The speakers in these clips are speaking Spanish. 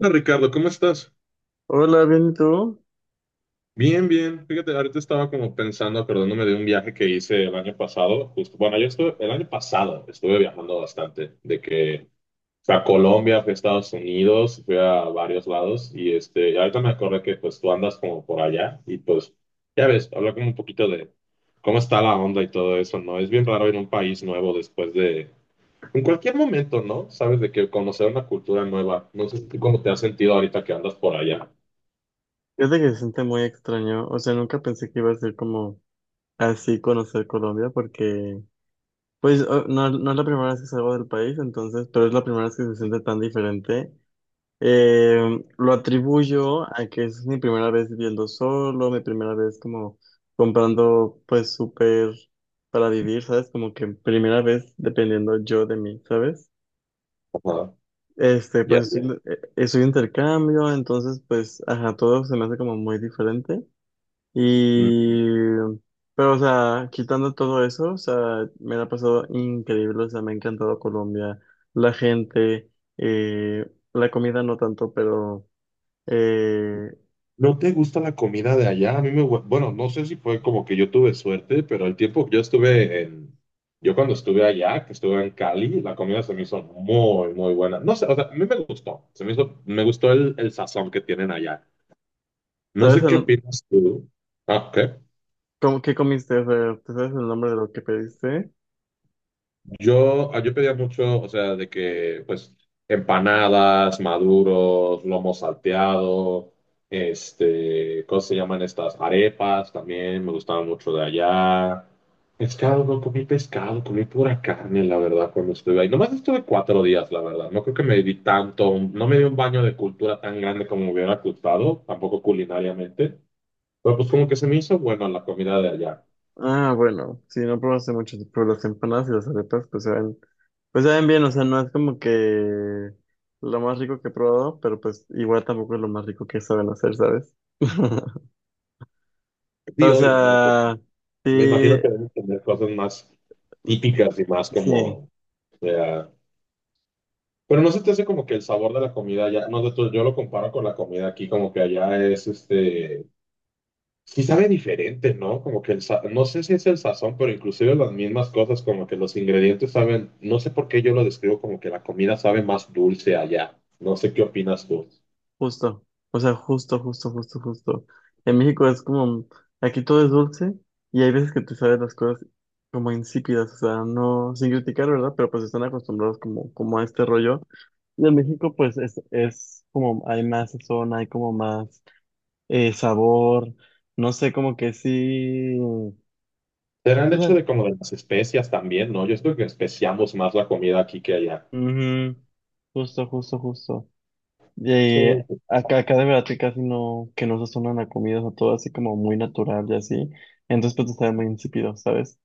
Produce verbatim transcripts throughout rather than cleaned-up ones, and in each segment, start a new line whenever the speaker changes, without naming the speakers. Hola Ricardo, ¿cómo estás?
Hola, bien, ¿y tú?
Bien, bien. Fíjate, ahorita estaba como pensando, acordándome de un viaje que hice el año pasado, justo, bueno, yo estuve, el año pasado estuve viajando bastante, de que fui a Colombia, fui a Estados Unidos, fui a varios lados y este, y ahorita me acordé que pues tú andas como por allá y pues ya ves, habla como un poquito de cómo está la onda y todo eso, ¿no? Es bien raro ir a un país nuevo después de, en cualquier momento, ¿no? Sabes de que conocer una cultura nueva, no sé tú cómo te has sentido ahorita que andas por allá.
Fíjate que se siente muy extraño, o sea, nunca pensé que iba a ser como así conocer Colombia, porque, pues, o- no, no es la primera vez que salgo del país, entonces, pero es la primera vez que se siente tan diferente. Eh, lo atribuyo a que es mi primera vez viviendo solo, mi primera vez como comprando, pues, súper para vivir, ¿sabes? Como que primera vez dependiendo yo de mí, ¿sabes?
Ajá.
Este,
Ya,
pues,
ya.
estoy, eh, estoy de intercambio, entonces, pues, ajá, todo se me hace como muy diferente.
Mm,
Y, pero, o sea, quitando todo eso, o sea, me la ha pasado increíble, o sea, me ha encantado Colombia, la gente, eh, la comida no tanto, pero, eh,
¿no te gusta la comida de allá? A mí me, gu- bueno, no sé si fue como que yo tuve suerte, pero el tiempo que yo estuve en, yo cuando estuve allá, que estuve en Cali, la comida se me hizo muy, muy buena. No sé, o sea, a mí me gustó, se me hizo, me gustó el, el sazón que tienen allá. No
¿sabes
sé qué
el-
opinas tú. Ah, ok.
cómo, qué comiste? O sea, ¿te sabes el nombre de lo que pediste?
Yo, ah, yo pedía mucho, o sea, de que, pues, empanadas, maduros, lomo salteado, este, ¿cómo se llaman estas? Arepas también, me gustaban mucho de allá. Pescado, no comí pescado, comí pura carne, la verdad, cuando estuve ahí. Nomás estuve cuatro días, la verdad. No creo que me di tanto, no me di un baño de cultura tan grande como me hubiera gustado, tampoco culinariamente. Pero pues como que se me hizo bueno la comida de allá.
Ah, bueno, sí, no probaste mucho, pero las empanadas y las arepas, pues saben, pues saben bien, o sea, no es como que lo más rico que he probado, pero pues igual tampoco es lo más rico que saben hacer, ¿sabes?
Sí,
O
obvio, ¿no? No
sea,
me imagino
sí,
que deben tener cosas más típicas y más como,
sí,
o sea, pero no se te hace como que el sabor de la comida ya, no, de todo, yo lo comparo con la comida aquí, como que allá es este, sí sabe diferente, ¿no? Como que el, sa- no sé si es el sazón, pero inclusive las mismas cosas, como que los ingredientes saben, no sé por qué yo lo describo como que la comida sabe más dulce allá. No sé qué opinas tú.
justo. O sea, justo, justo, justo, justo. En México es como, aquí todo es dulce y hay veces que te saben las cosas como insípidas, o sea, no, sin criticar, ¿verdad? Pero pues están acostumbrados como, como a este rollo. Y en México pues es, es como, hay más sazón, hay como más eh, sabor, no sé, como que sí. O
Será el hecho
sea,
de como de las especias también, ¿no? Yo creo que especiamos más la comida aquí que allá.
ujú. Justo, justo, justo.
Sí.
Y acá, acá de verdad que casi no, que no sazonan la comida, o sea, todo así como muy natural y así. Entonces pues está muy insípido, ¿sabes?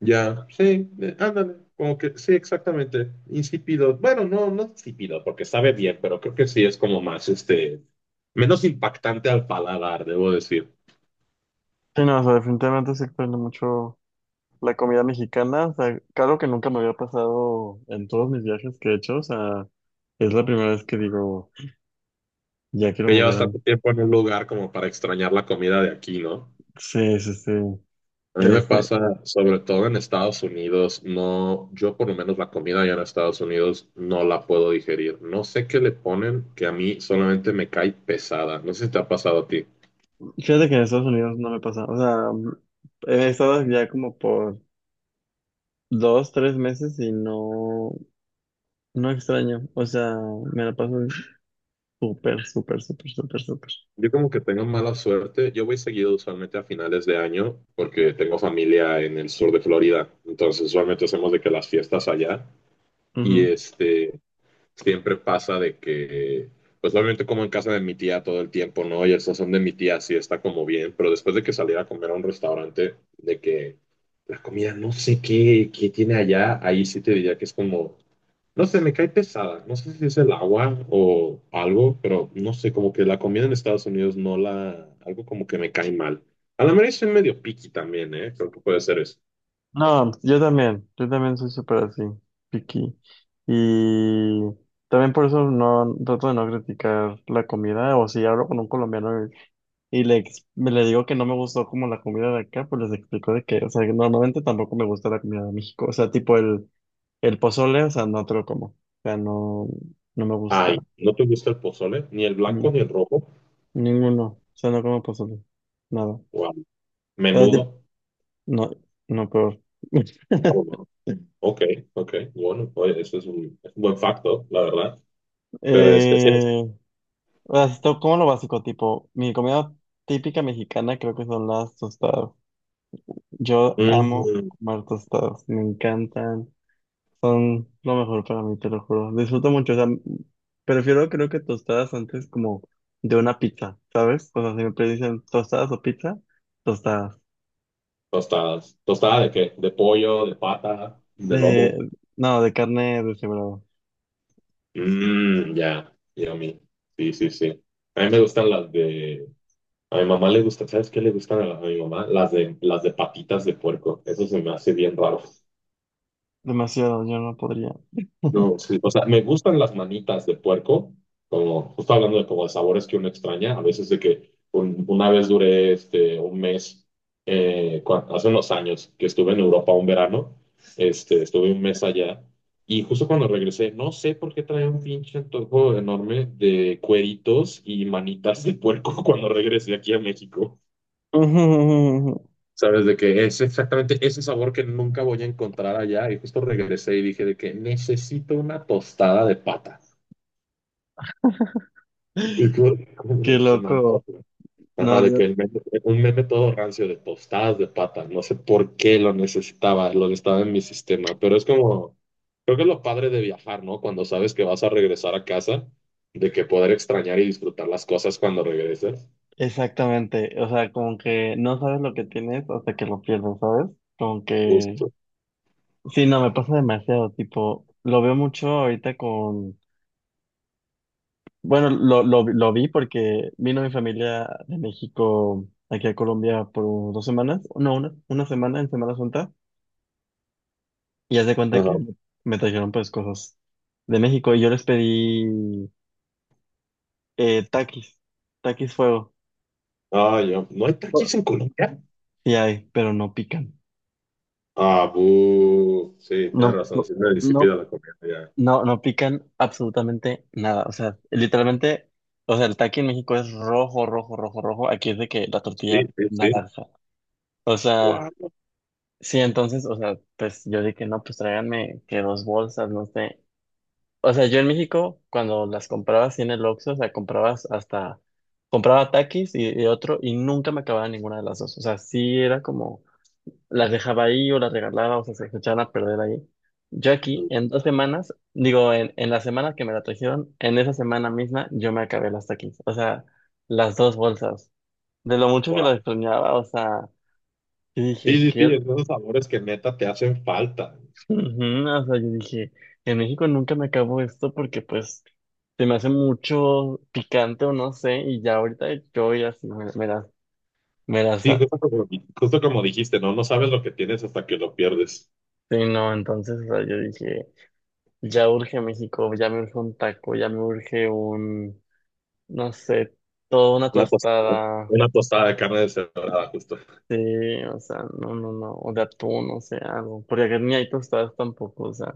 Ya, sí, eh, ándale, como que sí, exactamente, insípido. Bueno, no, no insípido, porque sabe bien, pero creo que sí es como más, este, menos impactante al paladar, debo decir.
Sí, no, o sea, definitivamente se extraña mucho la comida mexicana. O sea, claro que nunca me había pasado en todos mis viajes que he hecho, o sea, es la primera vez que digo, ya quiero
Que
volver
llevas
a...
tanto tiempo en un lugar como para extrañar la comida de aquí, ¿no?
Sí, sí, sí.
A mí me
Este,
pasa, sobre todo en Estados Unidos, no, yo por lo menos la comida allá en Estados Unidos no la puedo digerir. No sé qué le ponen que a mí solamente me cae pesada. No sé si te ha pasado a ti.
fíjate que en Estados Unidos no me pasa, o sea, he estado ya como por dos, tres meses y no, no extraño, o sea, me la paso súper, súper, súper, súper, súper.
Yo como que tengo mala suerte. Yo voy seguido usualmente a finales de año porque tengo familia en el sur de Florida. Entonces usualmente hacemos de que las fiestas allá. Y
Ujú.
este, siempre pasa de que, pues obviamente como en casa de mi tía todo el tiempo, ¿no? Y el sazón de mi tía sí está como bien, pero después de que saliera a comer a un restaurante, de que la comida no sé qué, qué tiene allá, ahí sí te diría que es como, no sé, me cae pesada, no sé si es el agua o algo, pero no sé, como que la comida en Estados Unidos no la, algo como que me cae mal. A la mera soy medio picky también, ¿eh? Creo que puede ser eso.
No, yo también, yo también soy súper así, picky. Y también por eso no trato de no criticar la comida, o si hablo con un colombiano y, y le, ex- me le digo que no me gustó como la comida de acá, pues les explico de que, o sea, que normalmente tampoco me gusta la comida de México, o sea, tipo el, el pozole, o sea, no te lo como, o sea, no, no me gusta.
Ay, ¿no te gusta el pozole? Ni el
Ujú.
blanco ni el rojo.
Ninguno, o sea, no como pozole, nada. O
Wow.
sea, tip-
Menudo.
no, no, peor.
Oh, no. Ok, ok. Bueno, oye, eso es un, es un buen facto, la verdad. Pero especias.
Eh, o sea, esto como lo básico, tipo, mi comida típica mexicana creo que son las tostadas. Yo amo
Mm,
comer tostadas, me encantan, son lo mejor para mí, te lo juro. Disfruto mucho, o sea, prefiero creo que tostadas antes como de una pizza, ¿sabes? O sea, siempre dicen tostadas o pizza, tostadas.
tostadas. ¿Tostada de qué? ¿De pollo, de pata, de
De,
lomo?
no, de carne deshebrada.
Mmm, ya, yummy. Sí, sí, sí. A mí me gustan las de... A mi mamá le gusta, ¿sabes qué le gustan a, la- a mi mamá? Las de, las de patitas de puerco. Eso se me hace bien raro.
Demasiado, yo no podría.
No, sí. O sea, me gustan las manitas de puerco, como justo hablando de como de sabores que uno extraña, a veces de que un- una vez duré este, un mes, eh, cua- hace unos años que estuve en Europa un verano, este, estuve un mes allá y justo cuando regresé, no sé por qué traía un pinche antojo enorme de cueritos y manitas de puerco cuando regresé aquí a México. Sabes, de que es exactamente ese sabor que nunca voy a encontrar allá. Y justo regresé y dije de que necesito una tostada de pata. Y tú-
Qué
se me
loco.
antoja. Ajá,
No,
de que el meme- un meme todo rancio de tostadas de pata. No sé por qué lo necesitaba, lo necesitaba en mi sistema, pero es como, creo que es lo padre de viajar, ¿no? Cuando sabes que vas a regresar a casa, de que poder extrañar y disfrutar las cosas cuando regreses.
exactamente, o sea, como que no sabes lo que tienes hasta que lo pierdes, ¿sabes? Como que
Justo.
sí, no, me pasa demasiado, tipo, lo veo mucho ahorita con, bueno, lo, lo, lo vi porque vino mi familia de México aquí a Colombia por dos semanas, no, una, una semana en Semana Santa, y haz de cuenta que
Ajá.
me trajeron pues cosas de México y yo les pedí eh, taquis, taquis fuego,
Ah, yo, ¿no hay taquis en Colombia?
sí hay, pero no pican,
Ah, bu. Sí, tienes
no,
razón,
no,
sí, me disipida
no.
la comida ya.
No, no pican absolutamente nada. O sea, literalmente, o sea, el taqui en México es rojo, rojo, rojo, rojo. Aquí es de que la
Sí,
tortilla
sí, sí.
naranja. O sea,
Guau.
sí, entonces, o sea, pues yo dije, no, pues tráiganme que dos bolsas, no sé. O sea, yo en México, cuando las comprabas sí, en el Oxxo, o sea, comprabas hasta, compraba taquis y, y otro, y nunca me acababa ninguna de las dos. O sea, sí era como las dejaba ahí o las regalaba o sea, se echaban a perder ahí. Yo aquí, en dos semanas, digo, en, en la semana que me la trajeron, en esa semana misma yo me acabé las taquis, o sea, las dos bolsas. De lo mucho que
Guau.
las extrañaba, o sea, yo
Sí,
dije,
sí, sí,
¿qué?
es de esos sabores que neta te hacen falta.
Ujú. O sea, yo dije, en México nunca me acabo esto porque pues se me hace mucho picante o no sé, y ya ahorita yo ya sí me, me las, me las,
Sí, justo como, justo como dijiste, ¿no? No sabes lo que tienes hasta que lo pierdes.
sí, no, entonces, o sea, yo dije... Ya urge México, ya me urge un taco, ya me urge un, no sé, toda una
Una tostada,
tostada.
una tostada de carne deshebrada, justo.
Sí, o sea, no, no, no, o de atún, o sea, algo. Porque acá ni hay tostadas tampoco, o sea,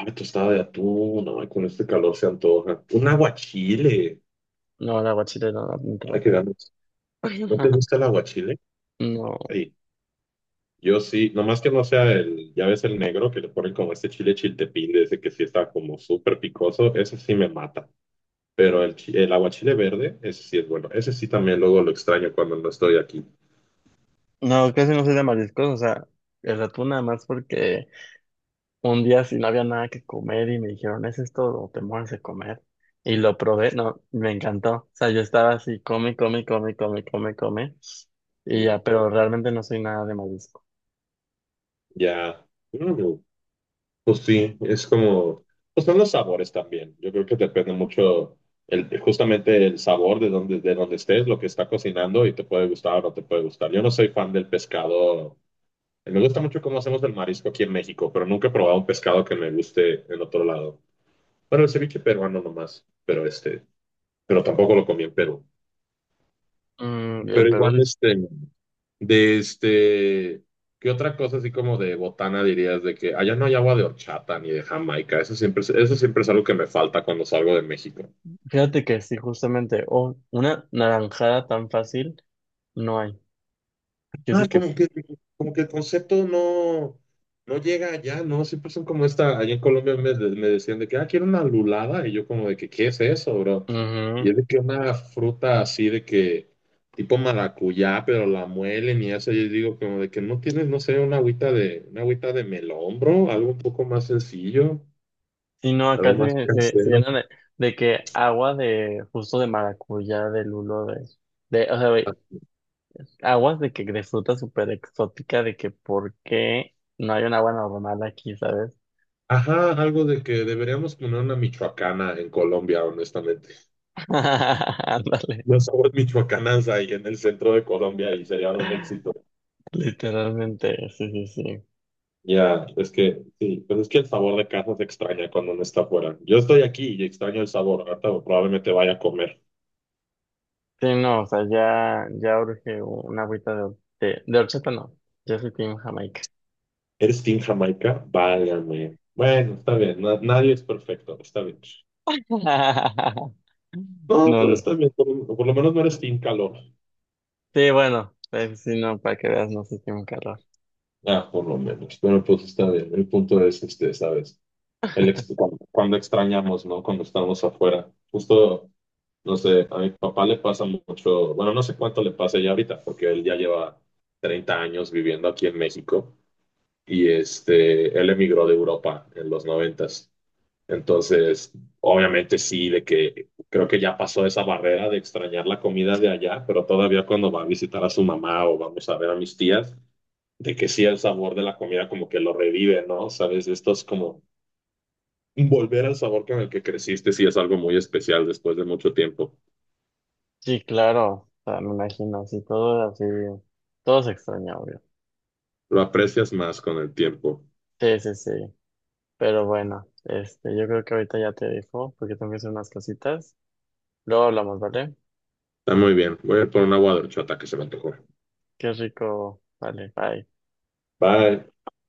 Ay, tostada de atún, no, ay, con este calor se antoja. Un aguachile.
no, la aguachile no, no te lo
Ay, qué
como.
ganas. ¿No te gusta el aguachile?
No,
Sí, yo sí, nomás que no sea el, ya ves el negro que le ponen como este chile chiltepín, de ese que sí está como súper picoso, ese sí me mata. Pero el, chi- el aguachile verde, ese sí es bueno. Ese sí también luego lo extraño cuando no estoy aquí.
no, casi no soy de mariscos, o sea, el atún nada más porque un día si no había nada que comer y me dijeron, ¿es esto o te mueres de comer? Y lo probé, no, me encantó. O sea, yo estaba así, come, come, come, come, come, come. Y
Mm,
ya, pero realmente no soy nada de marisco.
ya. Mm. Pues sí, es como, pues son los sabores también. Yo creo que depende mucho el, justamente el sabor de donde, de donde estés, lo que está cocinando y te puede gustar o no te puede gustar. Yo no soy fan del pescado. Me gusta mucho cómo hacemos el marisco aquí en México, pero nunca he probado un pescado que me guste en otro lado. Bueno, el ceviche peruano nomás, pero este, pero tampoco lo comí en Perú.
Mm, en
Pero
Perú,
igual
dis-
este, de este, ¿qué otra cosa así como de botana dirías de que allá no hay agua de horchata ni de Jamaica? Eso siempre, es- eso siempre es algo que me falta cuando salgo de México.
fíjate que sí, justamente, oh, una naranjada tan fácil no hay. Yo sé
Ah,
que,
como que, como que el concepto no, no llega allá, ¿no? Siempre son como esta, allá en Colombia me, de- me decían de que, ah, quiero una lulada, y yo como de que, ¿qué es eso, bro?
ujú.
Y es de que una fruta así de que, tipo maracuyá, pero la muelen y eso, yo digo como de que no tienes, no sé, una agüita de, una agüita de melón, bro, algo un poco más sencillo,
Sí, no, acá
algo más
se, se, se
casero.
llenan de, de que agua de, justo de maracuyá, de lulo, de, de, o sea, güey, aguas de que, de fruta súper exótica, de que por qué no hay un agua normal aquí, ¿sabes?
Ajá, algo de que deberíamos poner una michoacana en Colombia, honestamente.
Ándale,
Los aguas michoacanas ahí en el centro de Colombia y serían un éxito.
literalmente, sí, sí, sí.
Ya, es que sí, pues es que el sabor de casa se extraña cuando uno está afuera. Yo estoy aquí y extraño el sabor. Ahorita probablemente vaya a comer.
Sí, no, o sea, ya, ya urge una agüita de, de, de horchata, no. Yo soy Team Jamaica.
¿Eres Team Jamaica? Válgame. Bueno, está bien. na- nadie es perfecto. Está bien. No,
No,
pues
no.
está bien. Por, por lo menos no eres Team Calor.
Sí, bueno, pues, sí, no, para que veas, no soy Team calor.
Ah, por lo menos. Pero pues está bien. El punto es este, ¿sabes? El ex- cuando, cuando extrañamos, ¿no? Cuando estamos afuera. Justo. No sé, a mi papá le pasa mucho, bueno, no sé cuánto le pasa ya ahorita, porque él ya lleva treinta años viviendo aquí en México y este, él emigró de Europa en los noventas. Entonces, obviamente sí, de que creo que ya pasó esa barrera de extrañar la comida de allá, pero todavía cuando va a visitar a su mamá o vamos a ver a mis tías, de que sí el sabor de la comida como que lo revive, ¿no? Sabes, esto es como volver al sabor con el que creciste, sí es algo muy especial después de mucho tiempo.
Sí, claro, o sea, me imagino, sí, todo así, todo se extraña, obvio.
Lo aprecias más con el tiempo.
Sí, sí, sí, pero bueno, este, yo creo que ahorita ya te dejo, porque tengo que hacer unas cositas. Luego hablamos, ¿vale?
Está muy bien. Voy a ir por un agua de horchata que se me antojó.
Qué rico, vale, bye.
Bye.